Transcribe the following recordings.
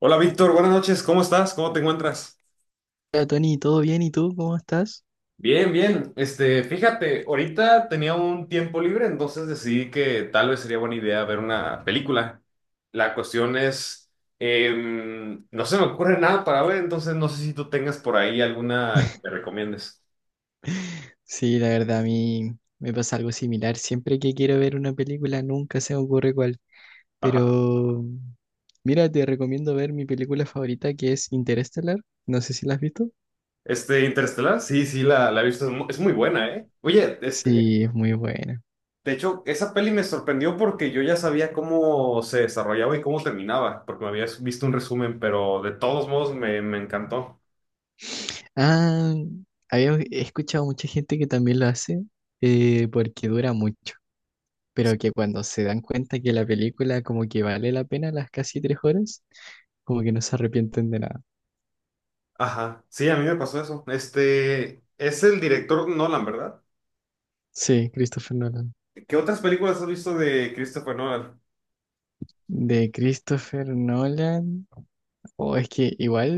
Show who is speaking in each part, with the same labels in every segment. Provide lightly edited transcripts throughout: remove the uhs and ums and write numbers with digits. Speaker 1: Hola Víctor, buenas noches, ¿cómo estás? ¿Cómo te encuentras?
Speaker 2: Hola Tony, ¿todo bien? ¿Y tú cómo estás?
Speaker 1: Bien, bien. Fíjate, ahorita tenía un tiempo libre, entonces decidí que tal vez sería buena idea ver una película. La cuestión es, no se me ocurre nada para ver, entonces no sé si tú tengas por ahí alguna que me recomiendes.
Speaker 2: Sí, la verdad a mí me pasa algo similar. Siempre que quiero ver una película nunca se me ocurre cuál.
Speaker 1: Ajá.
Speaker 2: Pero mira, te recomiendo ver mi película favorita que es Interestelar. No sé si la has visto.
Speaker 1: Interestelar, sí, sí, la he visto, es muy buena, ¿eh? Oye,
Speaker 2: Sí, es muy buena.
Speaker 1: de hecho, esa peli me sorprendió porque yo ya sabía cómo se desarrollaba y cómo terminaba, porque me habías visto un resumen, pero de todos modos me encantó.
Speaker 2: Ah, había escuchado mucha gente que también lo hace porque dura mucho. Pero que cuando se dan cuenta que la película como que vale la pena las casi 3 horas, como que no se arrepienten de nada.
Speaker 1: Ajá, sí, a mí me pasó eso. Es el director Nolan, ¿verdad?
Speaker 2: Sí, Christopher Nolan.
Speaker 1: ¿Qué otras películas has visto de Christopher Nolan?
Speaker 2: De Christopher Nolan. O es que igual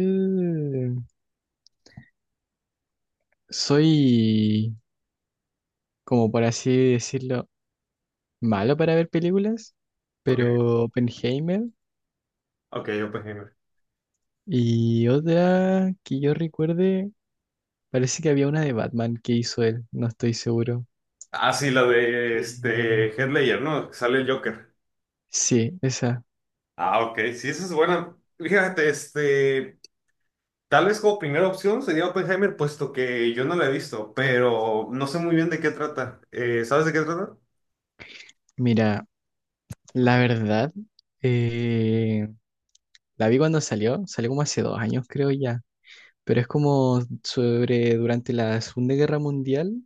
Speaker 2: soy, como por así decirlo, malo para ver películas,
Speaker 1: Ok,
Speaker 2: pero Oppenheimer
Speaker 1: ok, Oppenheimer.
Speaker 2: y otra que yo recuerde, parece que había una de Batman que hizo él, no estoy seguro.
Speaker 1: Ah, sí, la de
Speaker 2: Mm.
Speaker 1: Heath Ledger, ¿no? Sale el Joker.
Speaker 2: Sí, esa.
Speaker 1: Ah, ok, sí, esa es buena. Fíjate, tal vez como primera opción sería Oppenheimer, puesto que yo no la he visto, pero no sé muy bien de qué trata. ¿Sabes de qué trata?
Speaker 2: Mira, la verdad, eh, la vi cuando salió como hace 2 años creo ya, pero es como sobre durante la Segunda Guerra Mundial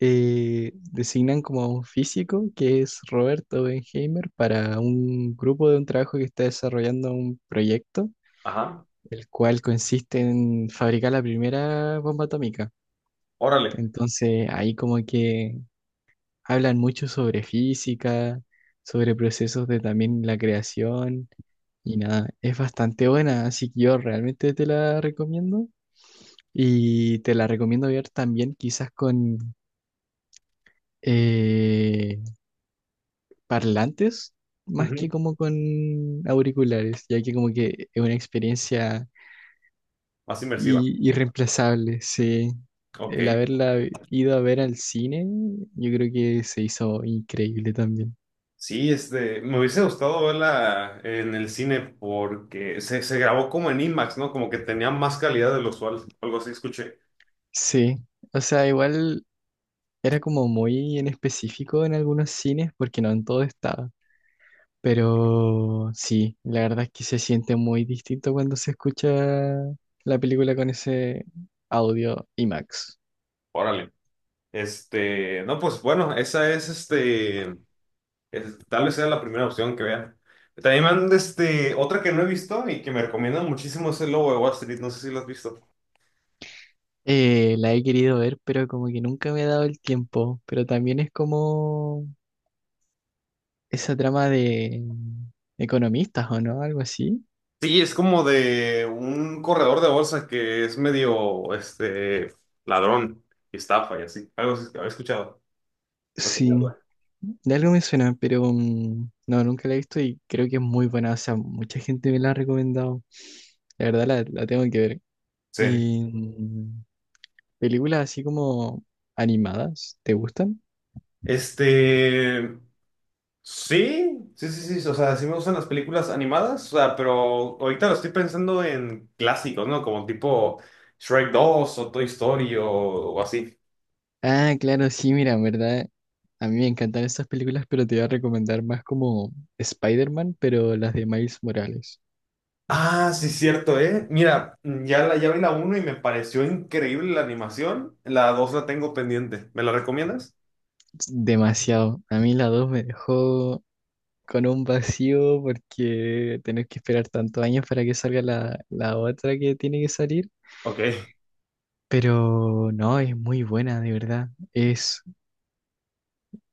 Speaker 2: designan como a un físico que es Robert Oppenheimer para un grupo de un trabajo que está desarrollando un proyecto,
Speaker 1: Ajá.
Speaker 2: el cual consiste en fabricar la primera bomba atómica.
Speaker 1: Órale.
Speaker 2: Entonces ahí como que hablan mucho sobre física, sobre procesos de también la creación y nada, es bastante buena, así que yo realmente te la recomiendo. Y te la recomiendo ver también quizás con, eh, parlantes más que
Speaker 1: Ujú.
Speaker 2: como con auriculares, ya que como que es una experiencia
Speaker 1: Más inmersiva.
Speaker 2: irreemplazable, sí.
Speaker 1: Ok.
Speaker 2: El haberla ido a ver al cine, yo creo que se hizo increíble también.
Speaker 1: Sí, me hubiese gustado verla en el cine porque se grabó como en IMAX, ¿no? Como que tenía más calidad de lo usual. Algo así escuché.
Speaker 2: Sí, o sea, igual era como muy en específico en algunos cines porque no en todo estaba. Pero sí, la verdad es que se siente muy distinto cuando se escucha la película con ese audio IMAX.
Speaker 1: Órale. No, pues bueno, esa es. Tal vez sea la primera opción que vea. También me han, otra que no he visto y que me recomiendan muchísimo es el Lobo de Wall Street. No sé si lo has visto.
Speaker 2: La he querido ver, pero como que nunca me he dado el tiempo. Pero también es como esa trama de economistas o no, algo así.
Speaker 1: Sí, es como de un corredor de bolsa que es medio, ladrón y estafa y así. Algo así, había escuchado. No tenía
Speaker 2: Sí,
Speaker 1: duda.
Speaker 2: de algo me suena, pero no, nunca la he visto y creo que es muy buena. O sea, mucha gente me la ha recomendado. La verdad la tengo que ver.
Speaker 1: Sí.
Speaker 2: Y, películas así como animadas, ¿te gustan?
Speaker 1: Este, sí, sí, sí, sí, o sea, sí me gustan las películas animadas, o sea, pero ahorita lo estoy pensando en clásicos, ¿no? Como tipo Shrek 2 o Toy Story o así.
Speaker 2: Ah, claro, sí, mira, en verdad. A mí me encantan estas películas, pero te voy a recomendar más como Spider-Man, pero las de Miles Morales.
Speaker 1: Ah, sí, cierto, ¿eh? Mira, ya, ya vi la uno y me pareció increíble la animación. La 2 la tengo pendiente. ¿Me la recomiendas?
Speaker 2: Demasiado. A mí la 2 me dejó con un vacío porque tener que esperar tantos años para que salga la otra que tiene que salir.
Speaker 1: Ok,
Speaker 2: Pero no, es muy buena, de verdad. Es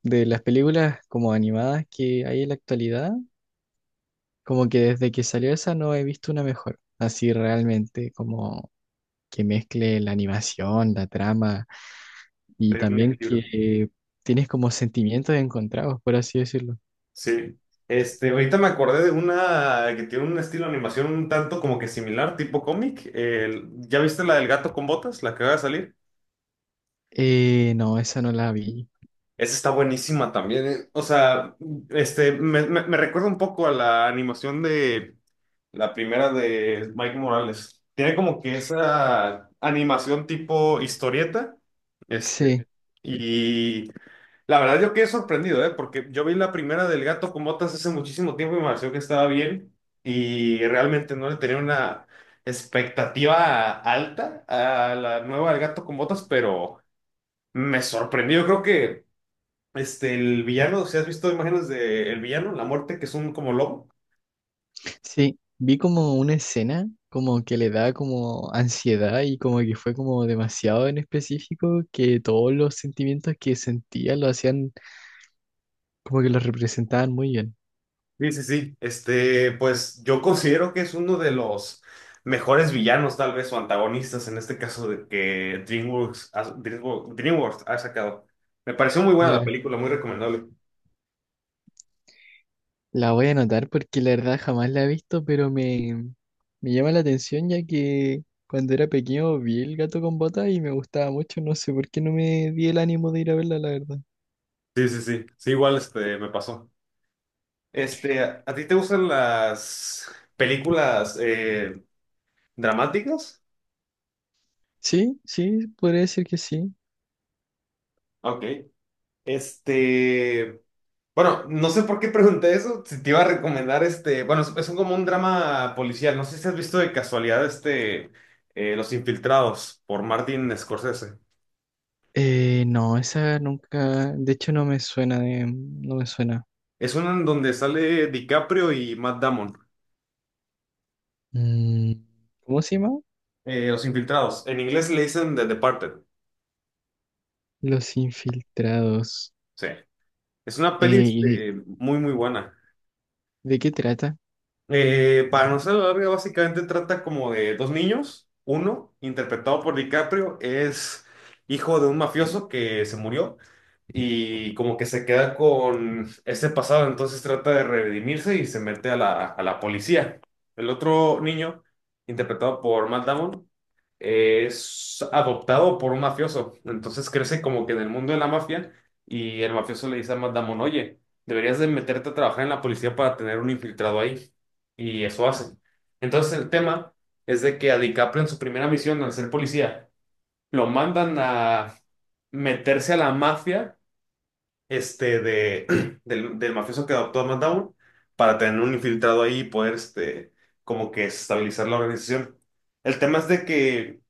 Speaker 2: de las películas como animadas que hay en la actualidad, como que desde que salió esa no he visto una mejor. Así realmente, como que mezcle la animación, la trama y
Speaker 1: sería un
Speaker 2: también
Speaker 1: equilibrio.
Speaker 2: que tienes como sentimientos encontrados, por así decirlo.
Speaker 1: Sí. Ahorita me acordé de una que tiene un estilo de animación un tanto como que similar, tipo cómic. ¿Ya viste la del gato con botas, la que va a salir?
Speaker 2: No, esa no la vi.
Speaker 1: Esa está buenísima también, ¿eh? O sea, me recuerda un poco a la animación de la primera de Mike Morales. Tiene como que esa animación tipo historieta. Este,
Speaker 2: Sí,
Speaker 1: y la verdad yo quedé sorprendido, ¿eh? Porque yo vi la primera del gato con botas hace muchísimo tiempo y me pareció que estaba bien. Y realmente no le tenía una expectativa alta a la nueva del gato con botas, pero me sorprendió. Yo creo que el villano, si has visto imágenes del villano, la muerte, que es un como lobo.
Speaker 2: sí, vi como una escena como que le da como ansiedad y como que fue como demasiado en específico que todos los sentimientos que sentía lo hacían como que los representaban muy bien.
Speaker 1: Sí, sí, sí. Pues yo considero que es uno de los mejores villanos, tal vez, o antagonistas en este caso de que DreamWorks ha sacado. Me pareció muy buena la
Speaker 2: Claro.
Speaker 1: película, muy recomendable.
Speaker 2: La voy a anotar porque la verdad jamás la he visto, pero me llama la atención ya que cuando era pequeño vi el gato con botas y me gustaba mucho. No sé por qué no me di el ánimo de ir a verla, la verdad.
Speaker 1: Sí, sí, sí. Sí, igual me pasó. ¿A ti te gustan las películas dramáticas?
Speaker 2: Sí, sí, podría decir que sí.
Speaker 1: Ok. Este. Bueno, no sé por qué pregunté eso, si te iba a recomendar bueno, como un drama policial, no sé si has visto de casualidad Los Infiltrados por Martin Scorsese.
Speaker 2: No, esa nunca, de hecho no me suena no me suena.
Speaker 1: Es uno en donde sale DiCaprio y Matt Damon,
Speaker 2: Mm, ¿Cómo se llama?
Speaker 1: Los Infiltrados. En inglés le dicen The Departed,
Speaker 2: Los infiltrados.
Speaker 1: sí. Es una peli
Speaker 2: ¿Y
Speaker 1: muy, muy buena.
Speaker 2: de qué trata?
Speaker 1: Para no ser la larga, básicamente trata como de dos niños, uno interpretado por DiCaprio es hijo de un mafioso que se murió y como que se queda con ese pasado, entonces trata de redimirse y se mete a la policía. El otro niño, interpretado por Matt Damon, es adoptado por un mafioso, entonces crece como que en el mundo de la mafia y el mafioso le dice a Matt Damon, oye, deberías de meterte a trabajar en la policía para tener un infiltrado ahí, y eso hace. Entonces el tema es de que a DiCaprio en su primera misión al ser policía, lo mandan a meterse a la mafia del mafioso que adoptó a Matt para tener un infiltrado ahí y poder, como que estabilizar la organización. El tema es de que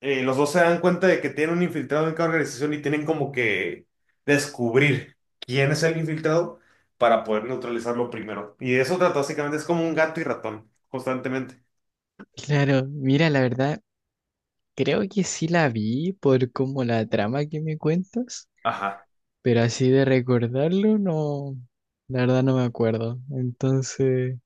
Speaker 1: los dos se dan cuenta de que tienen un infiltrado en cada organización y tienen como que descubrir quién es el infiltrado para poder neutralizarlo primero. Y de eso trata básicamente, es como un gato y ratón, constantemente.
Speaker 2: Claro, mira, la verdad, creo que sí la vi por como la trama que me cuentas.
Speaker 1: Ajá.
Speaker 2: Pero así de recordarlo, no, la verdad no me acuerdo. Entonces,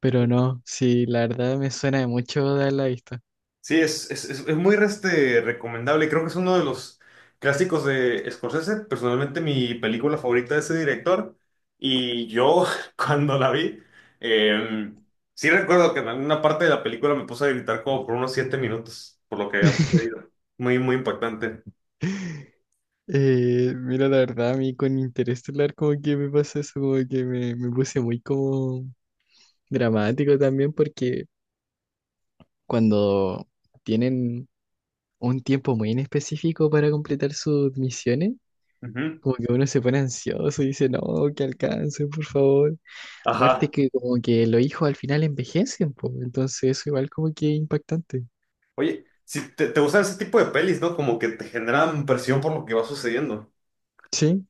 Speaker 2: pero no, sí, la verdad me suena de mucho dar la vista.
Speaker 1: Sí, es muy recomendable. Creo que es uno de los clásicos de Scorsese. Personalmente, mi película favorita de ese director. Y yo, cuando la vi, eh, sí recuerdo que en alguna parte de la película me puse a gritar como por unos 7 minutos, por lo que había sucedido. Muy, muy impactante.
Speaker 2: Mira, la verdad, a mí con Interestelar como que me pasa eso, como que me puse muy como dramático también porque cuando tienen un tiempo muy en específico para completar sus misiones,
Speaker 1: Ujú.
Speaker 2: como que uno se pone ansioso y dice, no, que alcance, por favor. Aparte
Speaker 1: Ajá.
Speaker 2: que como que los hijos al final envejecen, po, entonces eso igual como que es impactante.
Speaker 1: Oye, si te gustan ese tipo de pelis, ¿no? Como que te generan presión por lo que va sucediendo.
Speaker 2: Sí,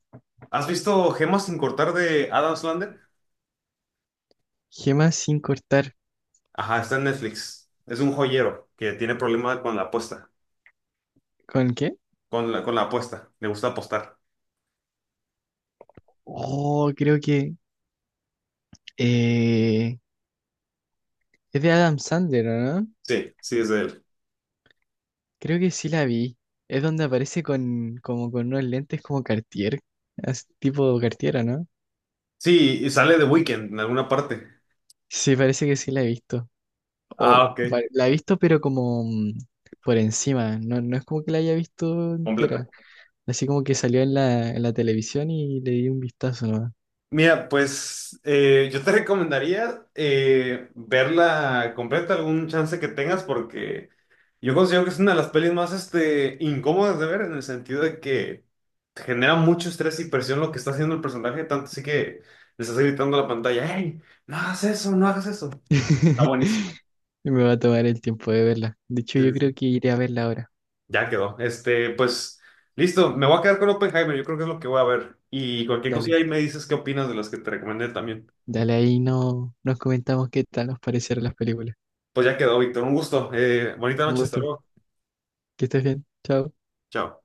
Speaker 1: ¿Has visto Gemas sin cortar de Adam Sandler?
Speaker 2: gemas sin cortar.
Speaker 1: Ajá, está en Netflix. Es un joyero que tiene problemas con la apuesta,
Speaker 2: ¿Con qué?
Speaker 1: con la apuesta. Le gusta apostar.
Speaker 2: Oh, creo que eh, es de Adam Sandler, ¿o no?
Speaker 1: Sí, sí, es de él.
Speaker 2: Creo que sí la vi. Es donde aparece con como con unos lentes como Cartier, tipo Cartier, ¿o no?
Speaker 1: Sí, y sale de Weekend en alguna parte.
Speaker 2: Sí, parece que sí la he visto.
Speaker 1: Ah,
Speaker 2: O
Speaker 1: ok.
Speaker 2: la he visto pero como por encima, no, no es como que la haya visto
Speaker 1: Completa.
Speaker 2: entera. Así como que salió en la televisión y le di un vistazo, ¿no?
Speaker 1: Mira, pues yo te recomendaría verla completa algún chance que tengas porque yo considero que es una de las pelis más incómodas de ver en el sentido de que te genera mucho estrés y presión lo que está haciendo el personaje, tanto así que le estás gritando a la pantalla, ¡Hey! No hagas eso, no hagas eso. Está buenísimo.
Speaker 2: Me va a tomar el tiempo de verla. De hecho,
Speaker 1: Sí,
Speaker 2: yo
Speaker 1: sí,
Speaker 2: creo
Speaker 1: sí.
Speaker 2: que iré a verla ahora.
Speaker 1: Ya quedó. Pues, listo. Me voy a quedar con Oppenheimer. Yo creo que es lo que voy a ver. Y cualquier
Speaker 2: Dale,
Speaker 1: cosilla ahí me dices qué opinas de las que te recomendé también.
Speaker 2: dale ahí no, nos comentamos qué tal nos parecieron las películas.
Speaker 1: Pues ya quedó, Víctor. Un gusto. Bonita
Speaker 2: Un
Speaker 1: noche. Hasta
Speaker 2: gusto.
Speaker 1: luego.
Speaker 2: Que estés bien. Chao.
Speaker 1: Chao.